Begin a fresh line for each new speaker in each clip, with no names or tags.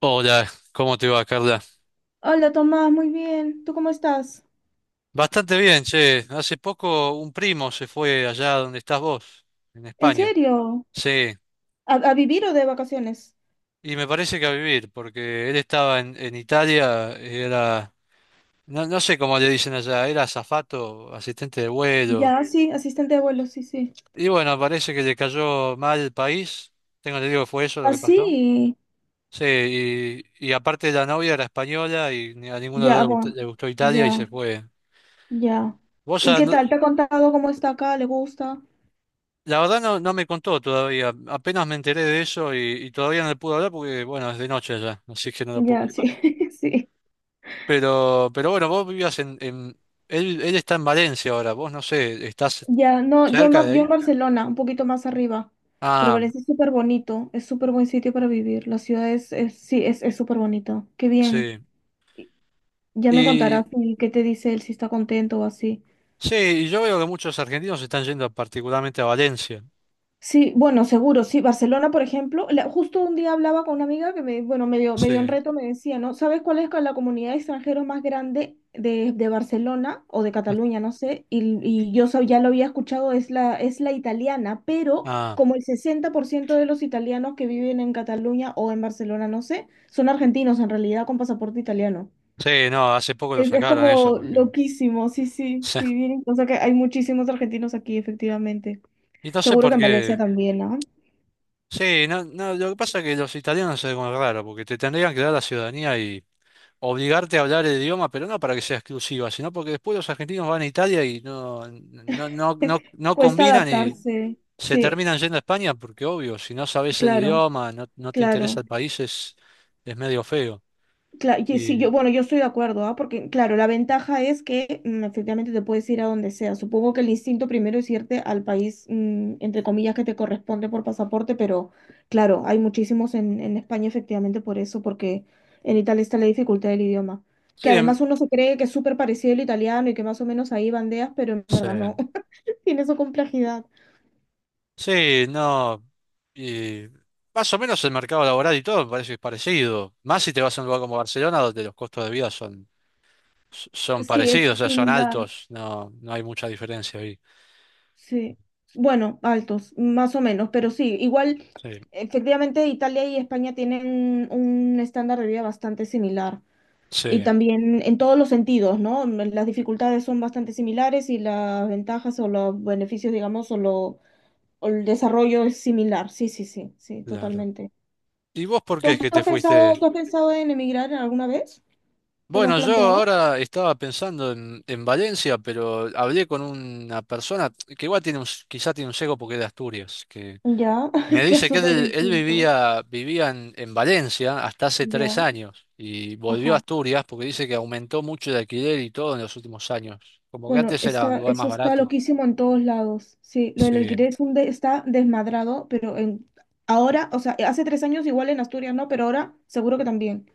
Hola, ¿cómo te va, Carla?
Hola Tomás, muy bien. ¿Tú cómo estás?
Bastante bien, che. Hace poco un primo se fue allá donde estás vos, en
¿En
España.
serio?
Sí,
¿A vivir o de vacaciones?
y me parece que a vivir, porque él estaba en Italia, era, no sé cómo le dicen allá, era azafato, asistente de vuelo.
Ya, sí, asistente de vuelo, sí, sí.
Y bueno, parece que le cayó mal el país. Tengo que digo que fue eso lo que pasó.
Así,
Sí, y aparte la novia era española y a ninguno de los
ya,
dos
bueno,
le gustó Italia y
ya,
se fue.
ya.
¿Vos
¿Y
a,
qué
no,
tal? ¿Te ha contado cómo está acá? ¿Le gusta?
La verdad no me contó todavía, apenas me enteré de eso y todavía no le pude hablar porque, bueno, es de noche ya, así que no lo puedo
Ya, sí,
llamar.
sí.
Pero bueno, vos vivías Él, él está en Valencia ahora, vos no sé, ¿estás
Ya, no,
cerca de
Yo en
ahí?
Barcelona, un poquito más arriba, pero
Ah,
parece súper bonito, es súper buen sitio para vivir, la ciudad sí, es súper bonito, qué bien.
sí.
Y Ya me
Y
contarás qué te dice él, si está contento o así.
sí, y yo veo que muchos argentinos están yendo particularmente a Valencia.
Sí, bueno, seguro, sí. Barcelona, por ejemplo, justo un día hablaba con una amiga que me, bueno, medio, medio en
Sí.
reto me decía, ¿no? ¿Sabes cuál es la comunidad de extranjeros más grande de Barcelona o de Cataluña? No sé. Y ya lo había escuchado, es la italiana, pero
Ah,
como el 60% de los italianos que viven en Cataluña o en Barcelona, no sé, son argentinos en realidad con pasaporte italiano.
sí, no, hace poco lo
Es
sacaron eso
como
porque...
loquísimo, sí, sí, sí, bien. O sea que hay muchísimos argentinos aquí, efectivamente.
Y no sé
Seguro que
por
en Valencia
qué...
también, ¿ah?
Sí, no, no, lo que pasa es que los italianos es algo raro, porque te tendrían que dar la ciudadanía obligarte a hablar el idioma, pero no para que sea exclusiva, sino porque después los argentinos van a Italia y no, no, no, no, no
Cuesta
combinan y
adaptarse,
se
sí,
terminan yendo a España porque obvio, si no sabes el
claro,
idioma, no, no te interesa
claro.
el país, es medio feo.
Y sí,
Y
bueno, yo estoy de acuerdo, ¿ah? Porque, claro, la ventaja es que efectivamente te puedes ir a donde sea. Supongo que el instinto primero es irte al país, entre comillas, que te corresponde por pasaporte, pero claro, hay muchísimos en España efectivamente por eso, porque en Italia está la dificultad del idioma.
sí,
Que además uno se cree que es súper parecido al italiano y que más o menos ahí bandeas, pero en
sí,
verdad no. Tiene su complejidad.
sí, no, y más o menos el mercado laboral y todo me parece que es parecido, más si te vas a un lugar como Barcelona donde los costos de vida son, son
Sí, es
parecidos, o sea, son
similar.
altos, no hay mucha diferencia ahí.
Sí, bueno, altos, más o menos, pero sí, igual,
Sí,
efectivamente, Italia y España tienen un estándar de vida bastante similar. Y
sí,
también en todos los sentidos, ¿no? Las dificultades son bastante similares y las ventajas o los beneficios, digamos, o el desarrollo es similar. Sí, sí, sí, sí,
claro.
totalmente.
¿Y vos por qué
¿Tú,
es que
tú
te
has pensado,
fuiste?
tú has pensado en emigrar alguna vez? ¿Te lo has
Bueno, yo
planteado?
ahora estaba pensando en Valencia, pero hablé con una persona que igual tiene un, quizá tiene un sesgo porque es de Asturias, que
Ya,
me
claro,
dice que
súper
él
distinto.
vivía en Valencia hasta hace tres
Ya,
años y volvió a
ajá.
Asturias porque dice que aumentó mucho el alquiler y todo en los últimos años. Como que
Bueno,
antes era un
está,
lugar
eso
más
está
barato.
loquísimo en todos lados. Sí, lo del alquiler
Sí,
es está desmadrado, pero ahora, o sea, hace 3 años igual en Asturias no, pero ahora seguro que también.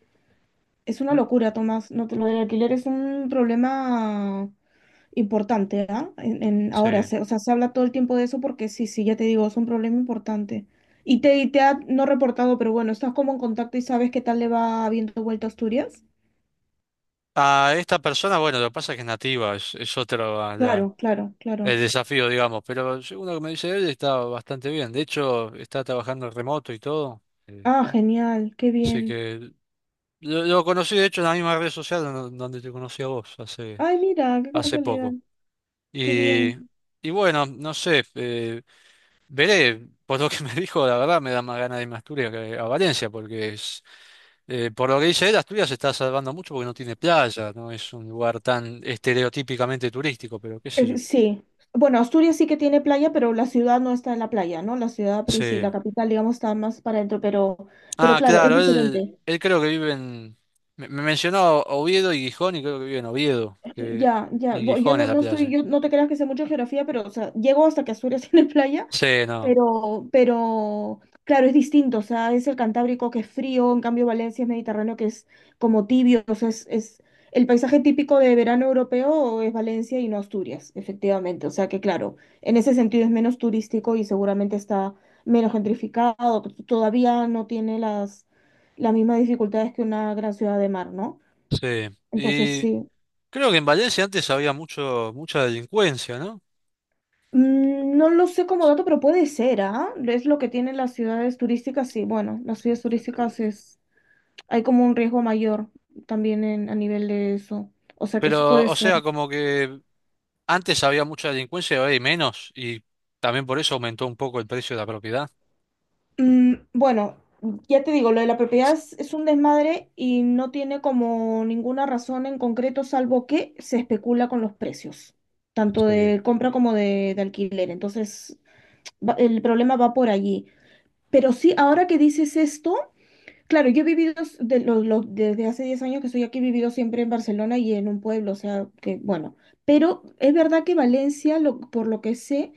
Es una
no-
locura, Tomás. No, lo del alquiler es un problema importante, ¿ah? Ahora,
sí.
o sea, se habla todo el tiempo de eso porque sí, sí, ya te digo, es un problema importante. Y te ha no reportado, pero bueno, estás como en contacto y sabes qué tal le va habiendo vuelta a Asturias.
A esta persona, bueno, lo que pasa es que es nativa, es otra,
Claro, claro,
el
claro.
desafío, digamos, pero según lo que me dice él, está bastante bien. De hecho, está trabajando en remoto y todo. eh,
Ah, genial, qué
así
bien.
que lo conocí, de hecho, en la misma red social donde te conocí a vos hace,
Ay, mira, qué
hace
casualidad.
poco.
Qué
Y,
bien.
y bueno, no sé, veré, por lo que me dijo, la verdad me da más ganas de irme a Asturias que a Valencia, porque es, por lo que dice él, Asturias se está salvando mucho porque no tiene playa, no es un lugar tan estereotípicamente turístico, pero qué sé yo.
Sí. Bueno, Asturias sí que tiene playa, pero la ciudad no está en la playa, ¿no? La ciudad,
Sí.
la capital, digamos, está más para adentro, pero,
Ah,
claro, es
claro,
diferente.
él creo que vive en... me mencionó Oviedo y Gijón y creo que vive en Oviedo.
Ya, ya.
Y
Yo
Gijón es
no,
la
no
playa.
soy, yo no te creas que sé mucho de geografía, pero o sea, llego hasta que Asturias tiene playa.
Sí, no,
Pero, claro, es distinto, o sea, es el Cantábrico que es frío, en cambio Valencia es Mediterráneo que es como tibio, o sea, es el paisaje típico de verano europeo es Valencia y no Asturias, efectivamente, o sea que claro, en ese sentido es menos turístico y seguramente está menos gentrificado, todavía no tiene las mismas dificultades que una gran ciudad de mar, ¿no?
sí.
Entonces
Y
sí.
creo que en Valencia antes había mucho, mucha delincuencia, ¿no?
No lo sé como dato, pero puede ser, ¿ah? Es lo que tienen las ciudades turísticas, sí. Bueno, las ciudades
Ya terminé.
turísticas es hay como un riesgo mayor también a nivel de eso. O sea que sí
Pero,
puede
o
ser.
sea, como que antes había mucha delincuencia y ahora hay menos, y también por eso aumentó un poco el precio de la propiedad.
Bueno, ya te digo, lo de la propiedad es un desmadre y no tiene como ninguna razón en concreto, salvo que se especula con los precios, tanto
Sí.
de compra como de alquiler. Entonces, el problema va por allí. Pero sí, ahora que dices esto. Claro, yo he vivido desde hace 10 años que estoy aquí, he vivido siempre en Barcelona y en un pueblo, o sea, que bueno, pero es verdad que Valencia, por lo que sé,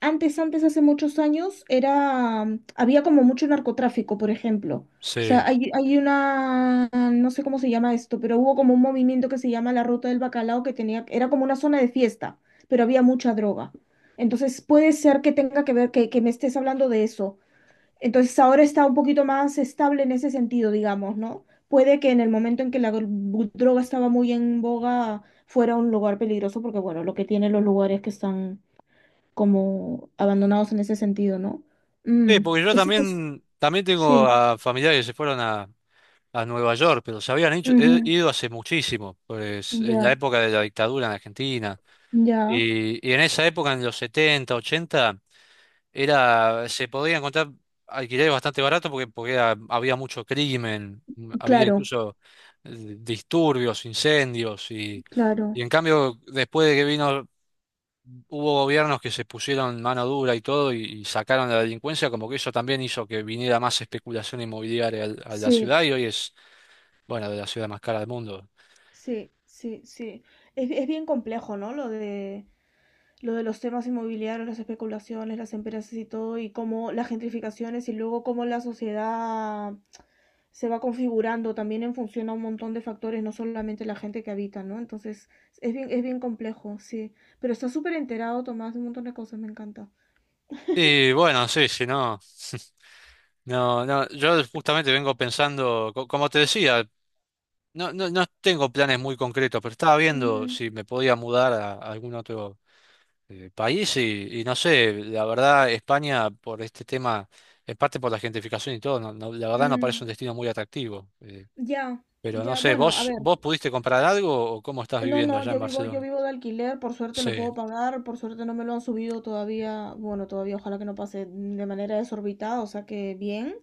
antes, antes, hace muchos años, había como mucho narcotráfico, por ejemplo. O sea,
Sí.
hay una, no sé cómo se llama esto, pero hubo como un movimiento que se llama la Ruta del Bacalao que era como una zona de fiesta, pero había mucha droga. Entonces puede ser que tenga que ver, que me estés hablando de eso, entonces ahora está un poquito más estable en ese sentido, digamos, ¿no? Puede que en el momento en que la droga estaba muy en boga fuera un lugar peligroso, porque bueno, lo que tienen los lugares que están como abandonados en ese sentido, ¿no?
Sí,
Mm,
porque yo
eso es-
también, también tengo
sí.
a familiares que se fueron a Nueva York, pero he
Ujú,
ido hace muchísimo, pues, en la
ya,
época de la dictadura en Argentina.
ya.
Y en esa época, en los 70, 80, era, se podía encontrar alquileres bastante baratos porque, había mucho crimen, había
claro,
incluso disturbios, incendios.
claro.
Y en cambio, después de que vino, hubo gobiernos que se pusieron mano dura y todo y sacaron la delincuencia, como que eso también hizo que viniera más especulación inmobiliaria a la
Sí,
ciudad y hoy es bueno, de la ciudad más cara del mundo.
sí, sí, sí. Es bien complejo, ¿no? Lo de los temas inmobiliarios, las especulaciones, las empresas y todo, y cómo las gentrificaciones y luego cómo la sociedad se va configurando también en función a un montón de factores, no solamente la gente que habita, ¿no? Entonces, es bien complejo, sí. Pero está súper enterado, Tomás, de un montón de cosas, me encanta.
Y bueno, sí, si no, no, no, yo justamente vengo pensando, como te decía, no, no, no tengo planes muy concretos, pero estaba viendo
Ujú.
si me podía mudar a algún otro país y no sé, la verdad, España por este tema, en parte por la gentrificación y todo, no, no, la verdad no
Mm,
parece un destino muy atractivo.
ya,
Pero no
ya,
sé,
bueno, a
¿
ver,
vos pudiste comprar algo o cómo estás
no,
viviendo
no,
allá en
yo vivo, yo
Barcelona?
vivo de alquiler, por suerte lo
Sí,
puedo pagar, por suerte no me lo han subido todavía, bueno, todavía ojalá que no pase de manera desorbitada, o sea que bien.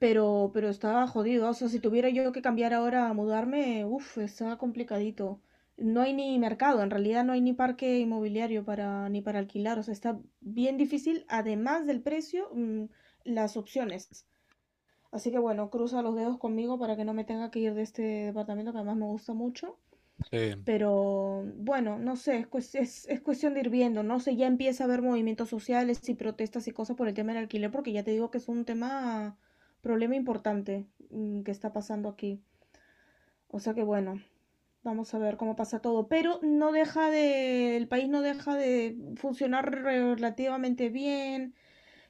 Pero estaba jodido. O sea, si tuviera yo que cambiar ahora a mudarme, uff, está complicadito. No hay ni mercado, en realidad no hay ni parque inmobiliario para, ni para alquilar. O sea, está bien difícil, además del precio, las opciones. Así que bueno, cruza los dedos conmigo para que no me tenga que ir de este departamento que además me gusta mucho.
sí,
Pero bueno, no sé, es cuestión de ir viendo, no sé, ya empieza a haber movimientos sociales y protestas y cosas por el tema del alquiler, porque ya te digo que es un problema importante que está pasando aquí. O sea que bueno, vamos a ver cómo pasa todo, pero no deja de, el país no deja de funcionar relativamente bien,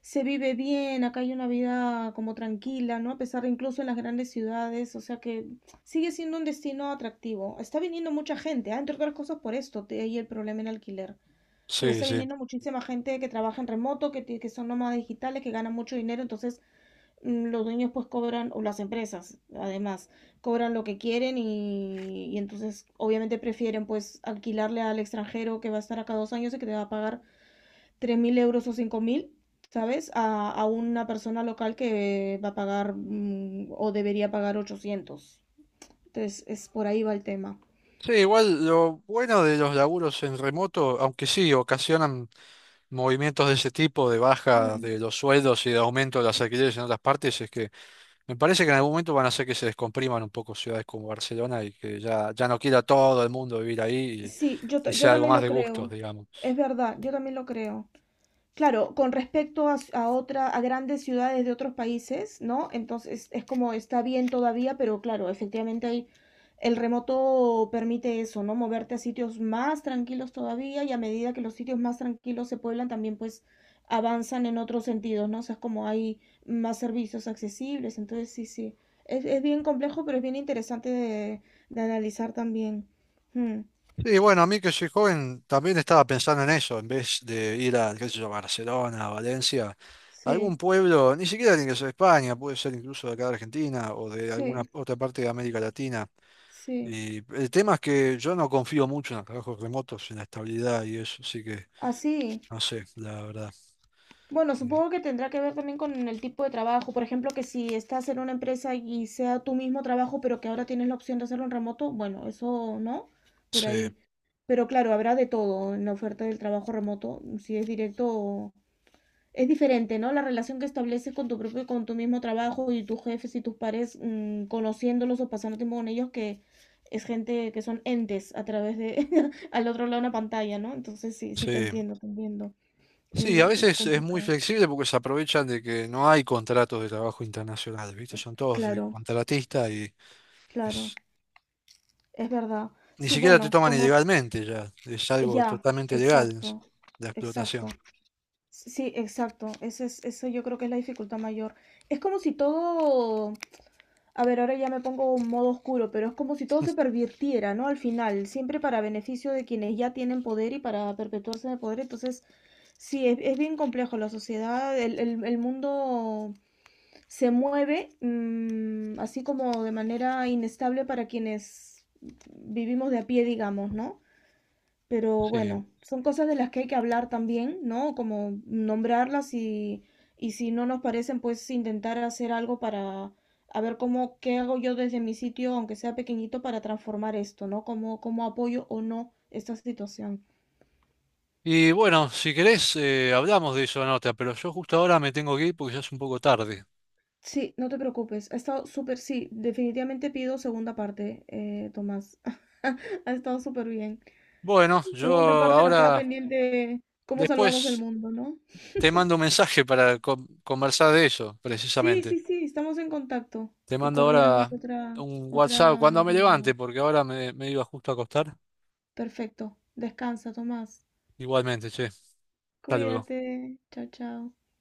se vive bien, acá hay una vida como tranquila, ¿no? A pesar de incluso en las grandes ciudades, o sea que sigue siendo un destino atractivo. Está viniendo mucha gente, entre otras cosas por esto, hay el problema en alquiler, porque
sí,
está
sí.
viniendo muchísima gente que trabaja en remoto, que son nómadas digitales, que ganan mucho dinero, entonces los dueños pues cobran, o las empresas además, cobran lo que quieren y entonces obviamente prefieren pues alquilarle al extranjero que va a estar acá 2 años y que te va a pagar 3.000 euros o 5.000, ¿sabes? A una persona local que va a pagar o debería pagar 800. Entonces, es por ahí va el tema.
Sí, igual lo bueno de los laburos en remoto, aunque sí ocasionan movimientos de ese tipo, de baja
Mm.
de los sueldos y de aumento de las alquileres en otras partes, es que me parece que en algún momento van a hacer que se descompriman un poco ciudades como Barcelona y que ya, ya no quiera todo el mundo vivir ahí
Sí, yo,
y
ta- yo
sea algo
también
más
lo
de gustos,
creo.
digamos.
Es verdad, yo también lo creo. Claro, con respecto a, s- a otra, a grandes ciudades de otros países, ¿no? Entonces es como está bien todavía, pero claro, efectivamente el remoto permite eso, ¿no? Moverte a sitios más tranquilos todavía y a medida que los sitios más tranquilos se pueblan, también pues avanzan en otros sentidos, ¿no? O sea, es como hay más servicios accesibles, entonces sí, sí. Es bien complejo, pero es bien interesante de analizar también. Mm,
Sí, bueno, a mí que soy joven también estaba pensando en eso, en vez de ir a, qué sé yo, Barcelona, Valencia,
sí,
algún pueblo, ni siquiera tiene que ser España, puede ser incluso de acá de Argentina o de alguna
sí,
otra parte de América Latina.
sí.
Y el tema es que yo no confío mucho en los trabajos remotos, en la estabilidad y eso, así que
Así.
no sé, la verdad.
Bueno,
Eh,
supongo que tendrá que ver también con el tipo de trabajo. Por ejemplo, que si estás en una empresa y sea tu mismo trabajo, pero que ahora tienes la opción de hacerlo en remoto, bueno, eso no, por
Sí,
ahí. Pero claro, habrá de todo en la oferta del trabajo remoto, si es directo. Es diferente, ¿no? La relación que estableces con tu propio, con tu mismo trabajo y tus jefes y tus pares, conociéndolos o pasando tiempo con ellos, que es gente que son entes a través de, al otro lado de una pantalla, ¿no? Entonces sí, sí te
sí.
entiendo, te entiendo. Es,
Sí, a
es
veces es muy
complicado.
flexible porque se aprovechan de que no hay contratos de trabajo internacional, ¿viste? Son todos de
Claro.
contratistas y
Claro,
es-
es verdad.
ni
Sí,
siquiera te
bueno,
toman
como
ilegalmente ya, es algo
ya,
totalmente legal es
exacto,
la
exacto.
explotación.
Sí, exacto. Eso yo creo que es la dificultad mayor. Es como si todo, a ver, ahora ya me pongo en modo oscuro, pero es como si todo se pervirtiera, ¿no? Al final, siempre para beneficio de quienes ya tienen poder y para perpetuarse en el poder. Entonces, sí, es bien complejo la sociedad, el mundo se mueve así como de manera inestable para quienes vivimos de a pie, digamos, ¿no? Pero
Sí.
bueno, son cosas de las que hay que hablar también, ¿no? Como nombrarlas y si no nos parecen, pues intentar hacer algo para a ver cómo, qué hago yo desde mi sitio, aunque sea pequeñito, para transformar esto, ¿no? Cómo apoyo o no esta situación.
Y bueno, si querés, hablamos de eso, en otra pero yo justo ahora me tengo que ir porque ya es un poco tarde.
Sí, no te preocupes. Ha estado súper, sí, definitivamente pido segunda parte, Tomás. Ha estado súper bien.
Bueno, yo
Segunda parte nos queda
ahora,
pendiente cómo salvamos el
después...
mundo, ¿no?
Te mando un mensaje para conversar de eso,
Sí,
precisamente.
sí, sí, estamos en contacto
Te
y
mando
coordinamos
ahora
otra,
un WhatsApp
otra
cuando me levante,
llamada.
porque ahora me iba justo a acostar.
Perfecto. Descansa, Tomás.
Igualmente, che. Hasta luego.
Cuídate. Chao, chao.